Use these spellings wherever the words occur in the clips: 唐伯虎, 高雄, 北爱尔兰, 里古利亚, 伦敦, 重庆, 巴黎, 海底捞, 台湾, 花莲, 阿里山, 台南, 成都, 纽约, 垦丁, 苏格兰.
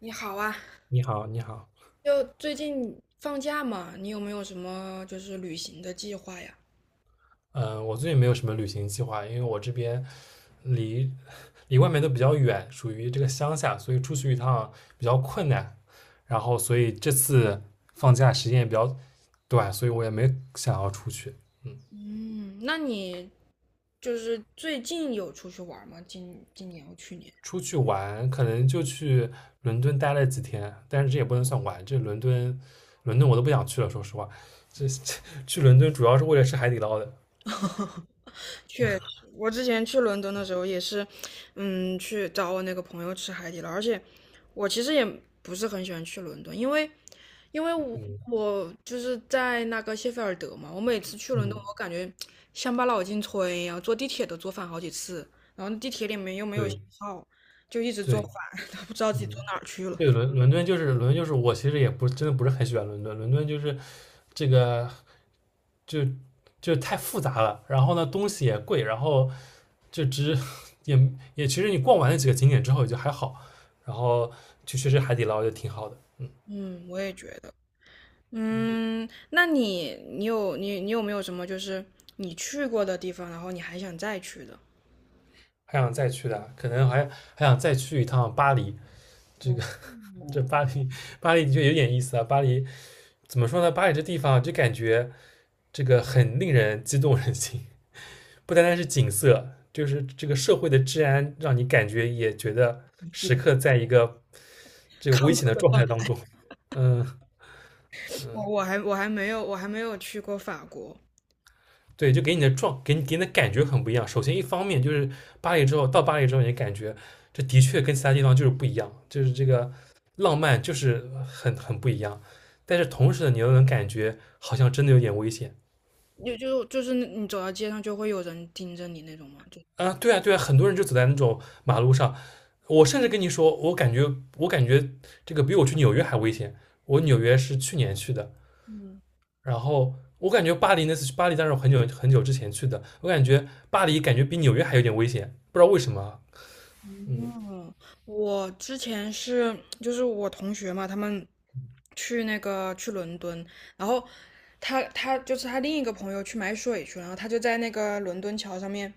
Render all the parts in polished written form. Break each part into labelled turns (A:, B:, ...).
A: 你好啊，
B: 你好，你好，
A: 就最近放假嘛，你有没有什么就是旅行的计划呀？
B: 嗯，我最近没有什么旅行计划，因为我这边离离外面都比较远，属于这个乡下，所以出去一趟比较困难。然后，所以这次放假时间也比较短，所以我也没想要出去。
A: 嗯，那你就是最近有出去玩吗？今年或去年？
B: 出去玩可能就去伦敦待了几天，但是这也不能算玩，这伦敦，伦敦我都不想去了，说实话。这 去伦敦主要是为了吃海底捞的。
A: 我之前去伦敦的时候也是，嗯，去找我那个朋友吃海底捞，而且我其实也不是很喜欢去伦敦，因为因为我
B: 嗯
A: 我就是在那个谢菲尔德嘛，我每次去伦敦，
B: 嗯，
A: 我感觉乡巴佬进村一样，坐地铁都坐反好几次，然后地铁里面又没有信
B: 对
A: 号，就一直坐
B: 对，
A: 反，都不知道自己坐
B: 嗯。
A: 哪儿去了。
B: 对，伦敦就是我其实也不真的不是很喜欢伦敦，伦敦就是这个就就太复杂了，然后呢东西也贵，然后就只 也也其实你逛完了几个景点之后也就还好，然后就确实海底捞就挺好的，
A: 嗯，我也觉得。嗯，那你有没有什么就是你去过的地方，然后你还想再去的？
B: 还想再去的，可能还想再去一趟巴黎。这
A: 哦，
B: 个这巴黎巴黎的确有点意思啊，巴黎怎么说呢？巴黎这地方就感觉这个很令人激动人心，不单单是景色，就是这个社会的治安，让你感觉也觉得
A: 你记
B: 时
A: 得
B: 刻在一个这个危
A: 亢
B: 险
A: 奋
B: 的
A: 的
B: 状
A: 话，
B: 态当中。嗯，
A: 我还没有我还没有去过法国，
B: 对，就给你的感觉很不一样。首先，一方面就是巴黎之后，到巴黎之后，你感觉这的确跟其他地方就是不一样，就是这个浪漫就是很不一样。但是同时呢，你又能感觉好像真的有点危险。
A: 就是你走到街上就会有人盯着你那种吗？就
B: 啊，对啊，对啊，很多人就走在那种马路上。我甚至跟你说，我感觉这个比我去纽约还危险。我纽约是去年去的，然后我感觉巴黎那次去巴黎，当时我很久很久之前去的，我感觉巴黎感觉比纽约还有点危险，不知道为什么啊。嗯
A: 嗯，我之前是就是我同学嘛，他们去那个去伦敦，然后他就是他另一个朋友去买水去了，然后他就在那个伦敦桥上面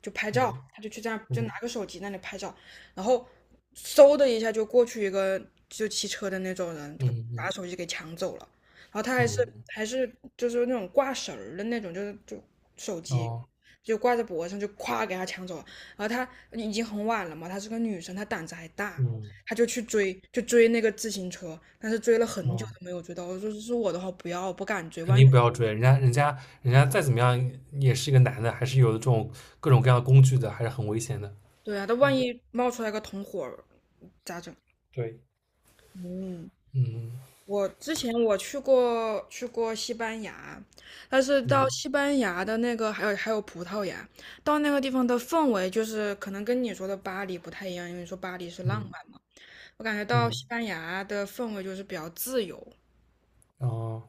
A: 就拍照，
B: 嗯
A: 他就去这样就拿
B: 嗯
A: 个手机那里拍照，然后嗖的一下就过去一个就骑车的那种人，就
B: 嗯
A: 把
B: 嗯
A: 手机给抢走了，然后他还是
B: 嗯，
A: 还是就是那种挂绳儿的那种，就是就手
B: 哦
A: 机就挂在脖子上就咵给他抢走了。然后她已经很晚了嘛，她是个女生，她胆子还大，
B: 嗯
A: 她就去追，就追那个自行车，但是追了很久
B: 哦，
A: 都没有追到。我说是我的话不要，我不敢追，
B: 肯
A: 万一……
B: 定不要追人家，人家再怎么样也是一个男的，还是有这种各种各样的工具的，还是很危险的。
A: 对啊，他万
B: 嗯，
A: 一冒出来个同伙儿咋整？
B: 对，
A: 嗯，
B: 嗯
A: 我之前去过去过西班牙，但是到
B: 嗯
A: 西班牙的那个还有葡萄牙，到那个地方的氛围就是可能跟你说的巴黎不太一样，因为你说巴黎是浪
B: 嗯。
A: 漫嘛，我感觉到
B: 嗯，
A: 西班牙的氛围就是比较自由。
B: 哦，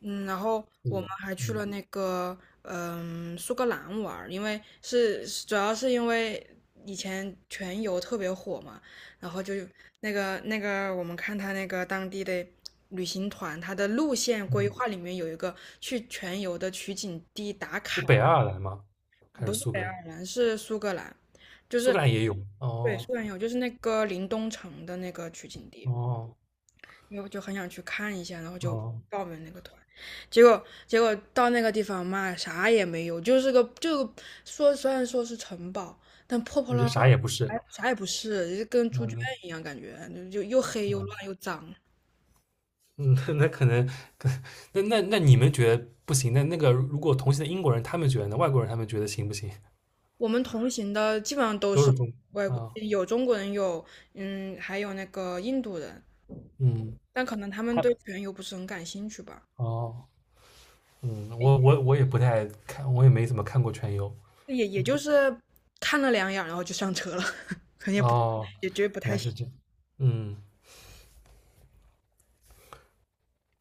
A: 嗯，然后我们
B: 有，
A: 还去了
B: 嗯
A: 那个嗯苏格兰玩儿，因为是主要是因为以前全游特别火嘛，然后就那个我们看他那个当地的旅行团，他的路线规
B: 嗯，
A: 划里面有一个去全游的取景地打
B: 是
A: 卡。
B: 北爱尔兰吗？还
A: 不
B: 是
A: 是
B: 苏
A: 北
B: 格
A: 爱
B: 兰？
A: 尔兰，是苏格兰，就
B: 苏
A: 是
B: 格兰也有。
A: 对
B: 哦
A: 苏格兰有就是那个林东城的那个取景地。
B: 哦
A: 因为我就很想去看一下，然后就
B: 哦，
A: 报名那个团，结果到那个地方嘛，啥也没有，就是个就说虽然说是城堡，但破破
B: 那
A: 烂
B: 就
A: 烂，
B: 啥也不是。
A: 啥也不是，就是跟猪圈
B: 嗯
A: 一样，感觉就就又黑又乱又脏。
B: 嗯，那那可能，可那那那你们觉得不行？那个如果同行的英国人他们觉得呢？外国人他们觉得行不行？
A: 我们同行的基本上都
B: 都
A: 是
B: 是中
A: 外
B: 啊，
A: 国，
B: 哦
A: 有中国人，有嗯，还有那个印度人，
B: 嗯，
A: 但可能他们
B: 他
A: 对全游不是很感兴趣吧，
B: 哦，嗯，我也不太看，我也没怎么看过全游。
A: 也也也
B: 嗯，
A: 就是看了两眼，然后就上车了，可能也不
B: 哦，
A: 也觉得不
B: 原
A: 太
B: 来是
A: 行。
B: 这样。嗯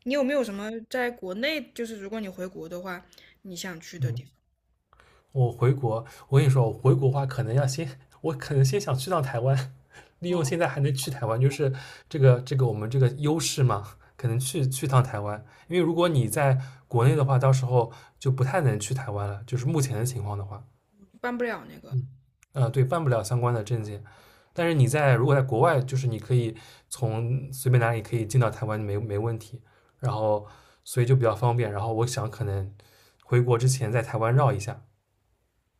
A: 你有没有什么在国内，就是如果你回国的话，你想去的地
B: 嗯。
A: 方？
B: 我回国，我跟你说，我回国的话，可能要先，我可能先想去趟台湾，利用现在还能去台湾，就是这个我们这个优势嘛，可能去趟台湾，因为如果你在国内的话，到时候就不太能去台湾了，就是目前的情况的话，
A: 办不了那个。
B: 嗯，对，办不了相关的证件，但是如果在国外，就是你可以从随便哪里可以进到台湾，没问题，然后所以就比较方便，然后我想可能回国之前在台湾绕一下，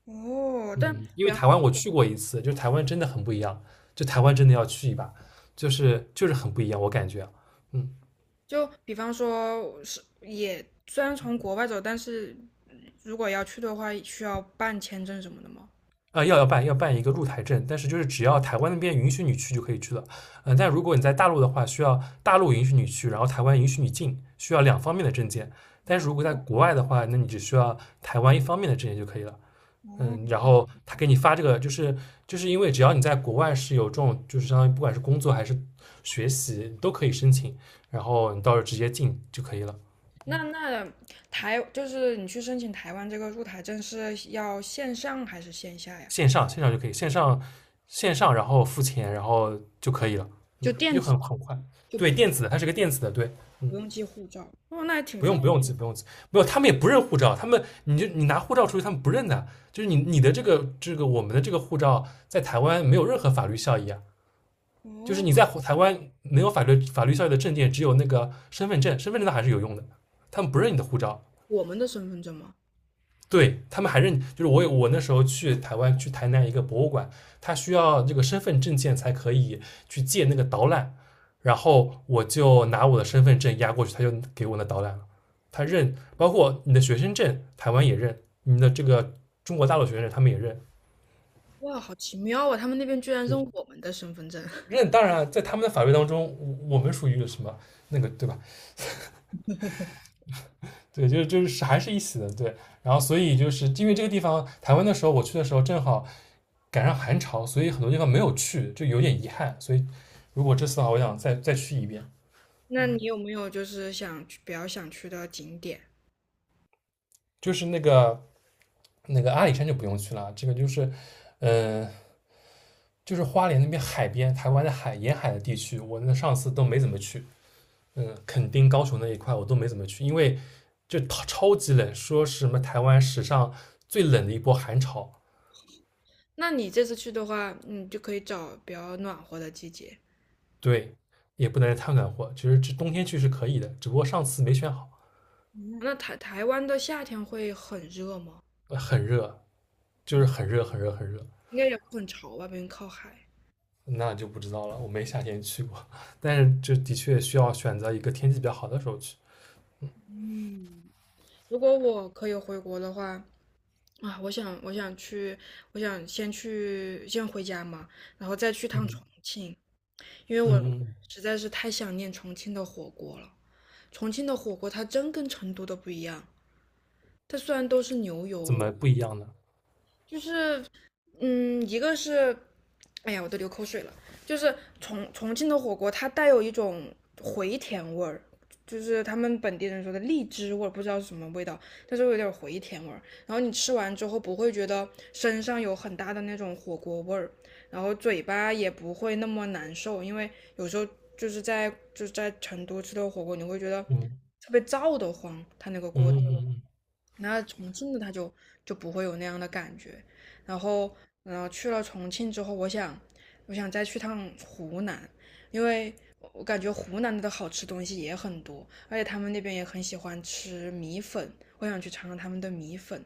A: 哦，但
B: 嗯，因
A: 比
B: 为
A: 方
B: 台湾我去过一次，就是台湾真的很不一样，就台湾真的要去一把，就是很不一样，我感觉，嗯，
A: 比方说是也虽然从国外走，但是如果要去的话，需要办签证什么的吗？
B: 啊、要办一个入台证，但是就是只要台湾那边允许你去就可以去了，嗯、但如果你在大陆的话，需要大陆允许你去，然后台湾允许你进，需要两方面的证件，但是如果在国外的话，那你只需要台湾一方面的证件就可以了，嗯，然后他给你发这个，就是因为只要你在国外是有这种，就是相当于不管是工作还是学习都可以申请，然后你到时候直接进就可以了，
A: 那台就是你去申请台湾这个入台证是要线上还是线下呀？
B: 线上线上就可以，线上线上然后付钱然后就可以了，
A: 就
B: 嗯，
A: 电
B: 就
A: 子
B: 很快。
A: 就不
B: 对，电子的，它是个电子的，对，
A: 不
B: 嗯，
A: 用寄护照。哦，那还挺
B: 不
A: 方
B: 用不用急不用急，没有，他们也不认护照，他们你就你拿护照出去，他们不认的，就是你的这个我们的这个护照在台湾没有任何法律效益啊，
A: 便。
B: 就是
A: 哦，
B: 你在台湾没有法律效力的证件，只有那个身份证，身份证它还是有用的，他们不认你的护照，
A: 我们的身份证吗？
B: 对他们还认，就是我那时候去台湾去台南一个博物馆，他需要这个身份证件才可以去借那个导览，然后我就拿我的身份证压过去，他就给我那导览了，他认，包括你的学生证，台湾也认，你的这个中国大陆学生证他们也认，
A: 哇，好奇妙啊！他们那边居然认
B: 对，
A: 我们的身份证。
B: 认当然在他们的法律当中，我们属于什么那个对吧？对，就是还是一起的，对。然后所以就是因为这个地方，台湾的时候我去的时候正好赶上寒潮，所以很多地方没有去，就有点遗憾。所以如果这次的话，我想再去一遍。
A: 那你有没有就是想去比较想去的景点？
B: 就是那个阿里山就不用去了，这个嗯、呃就是花莲那边海边，台湾的海沿海的地区，我那上次都没怎么去。嗯，垦丁、高雄那一块我都没怎么去，因为就超级冷，说是什么台湾史上最冷的一波寒潮。
A: 那你这次去的话，你就可以找比较暖和的季节。
B: 对，也不能太赶暖和。其实这冬天去是可以的，只不过上次没选好，
A: 那台湾的夏天会很热吗？
B: 很热，就是
A: 嗯
B: 很热，很热，很热。
A: 应该也会很潮吧，毕竟靠海。
B: 那就不知道了，我没夏天去过，但是这的确需要选择一个天气比较好的时候去。
A: 嗯，如果我可以回国的话，啊，我想去，我想先去先回家嘛，然后再去趟
B: 嗯
A: 重庆，因为我
B: 嗯，
A: 实在是太想念重庆的火锅了。重庆的火锅它真跟成都的不一样，它虽然都是牛
B: 怎
A: 油
B: 么不一样呢？
A: 就是，嗯，一个是，哎呀，我都流口水了。就是重庆的火锅，它带有一种回甜味儿，就是他们本地人说的荔枝味儿，不知道是什么味道，但是有点回甜味儿。然后你吃完之后不会觉得身上有很大的那种火锅味儿，然后嘴巴也不会那么难受，因为有时候就是在成都吃的火锅，你会觉得
B: 嗯
A: 特别燥得慌，它那个锅
B: 嗯
A: 底。
B: 嗯嗯。嗯
A: 那重庆的他就就不会有那样的感觉。然后，然后去了重庆之后，我想，我想再去趟湖南，因为我感觉湖南的好吃东西也很多，而且他们那边也很喜欢吃米粉，我想去尝尝他们的米粉。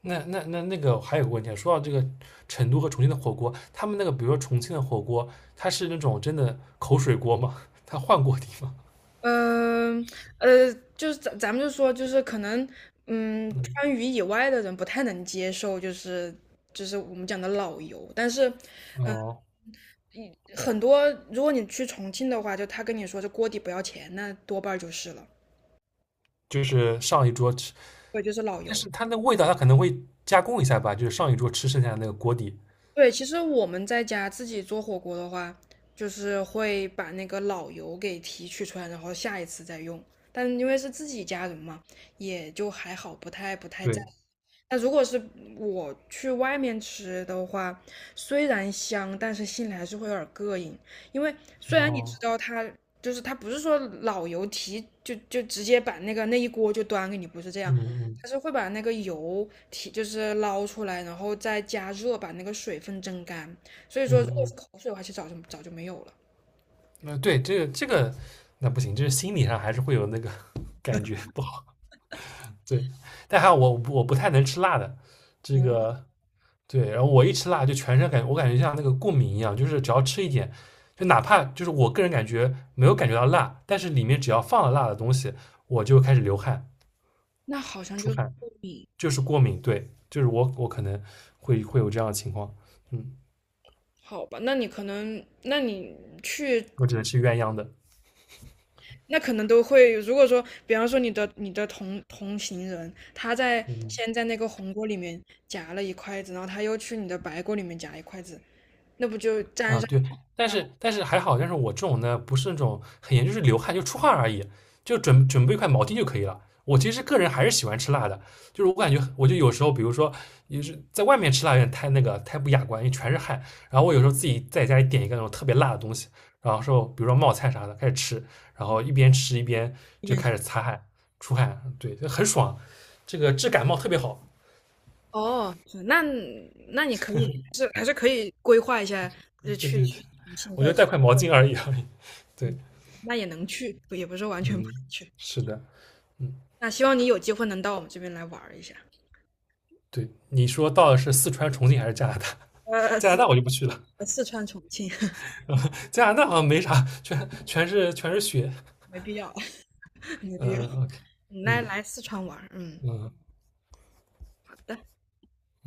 B: 那那那那个还有个问题啊，说到这个成都和重庆的火锅，他们那个比如说重庆的火锅，它是那种真的口水锅吗？它换锅底吗？
A: 嗯，呃，就是咱们就说，就是可能，嗯，
B: 嗯，
A: 川渝以外的人不太能接受，就是我们讲的老油，但是
B: 哦，
A: 很多，如果你去重庆的话，就他跟你说这锅底不要钱，那多半儿就是了。
B: 就是上一桌吃。
A: 对，就是老
B: 但
A: 油。
B: 是它那味道它可能会加工一下吧，就是上一桌吃剩下的那个锅底。
A: 对，其实我们在家自己做火锅的话，就是会把那个老油给提取出来，然后下一次再用。但因为是自己家人嘛，也就还好，不太在意。
B: 对，
A: 那如果是我去外面吃的话，虽然香，但是心里还是会有点膈应，因为虽然你知
B: 哦，
A: 道它就是它不是说老油提就就直接把那个那一锅就端给你，不是这样，
B: 嗯嗯
A: 它是会把那个油提就是捞出来，然后再加热把那个水分蒸干，所以说如果
B: 嗯
A: 是
B: 嗯，
A: 口水的话，其实早就没有了。
B: 那对，这个那不行，就是心理上还是会有那个 感觉不好。对，但还有我不太能吃辣的，这个对，然后我一吃辣就全身感觉我感觉像那个过敏一样，就是只要吃一点，就哪怕就是我个人感觉没有感觉到辣，但是里面只要放了辣的东西，我就开始流汗
A: 那好像
B: 出
A: 就是糯
B: 汗。
A: 米，
B: 就是过敏，对，就是我可能会有这样的情况，嗯，
A: 好吧？那你可能去
B: 我只能吃鸳鸯的，
A: 那可能都会，如果说，比方说你的同行人，他在
B: 嗯，
A: 先在那个红锅里面夹了一筷子，然后他又去你的白锅里面夹一筷子，那不就沾
B: 啊，
A: 上
B: 对，但是还好，但是我这种呢，不是那种很严重，就是流汗就出汗而已，就准备一块毛巾就可以了。我其实个人还是喜欢吃辣的，就是我感觉我就有时候，比如说也是在外面吃辣有点太太不雅观，因为全是汗。然后我有时候自己在家里点一个那种特别辣的东西，然后说比如说冒菜啥的开始吃，然后一边吃一边
A: 一
B: 就
A: 点？
B: 开始擦汗出汗，对，就很爽，这个治感冒特别好。
A: 哦，是那那你可以是还是可以规划一下，呃，
B: 对
A: 去
B: 对
A: 去
B: 对，
A: 重庆
B: 我
A: 或
B: 就
A: 者
B: 带块毛巾而已。对，
A: 嗯，那也能去，也不是完全不
B: 嗯，
A: 能去。
B: 是的。嗯。
A: 那希望你有机会能到我们这边来玩儿一下，
B: 对，你说到的是四川、重庆还是加拿大？
A: 呃，
B: 加拿
A: 四
B: 大我就不去了，
A: 呃四川重庆
B: 加拿大好像没啥，全是雪。
A: 没必要，没必要，
B: 嗯，OK，
A: 你来
B: 嗯
A: 来四川玩儿嗯，
B: 嗯，
A: 好的。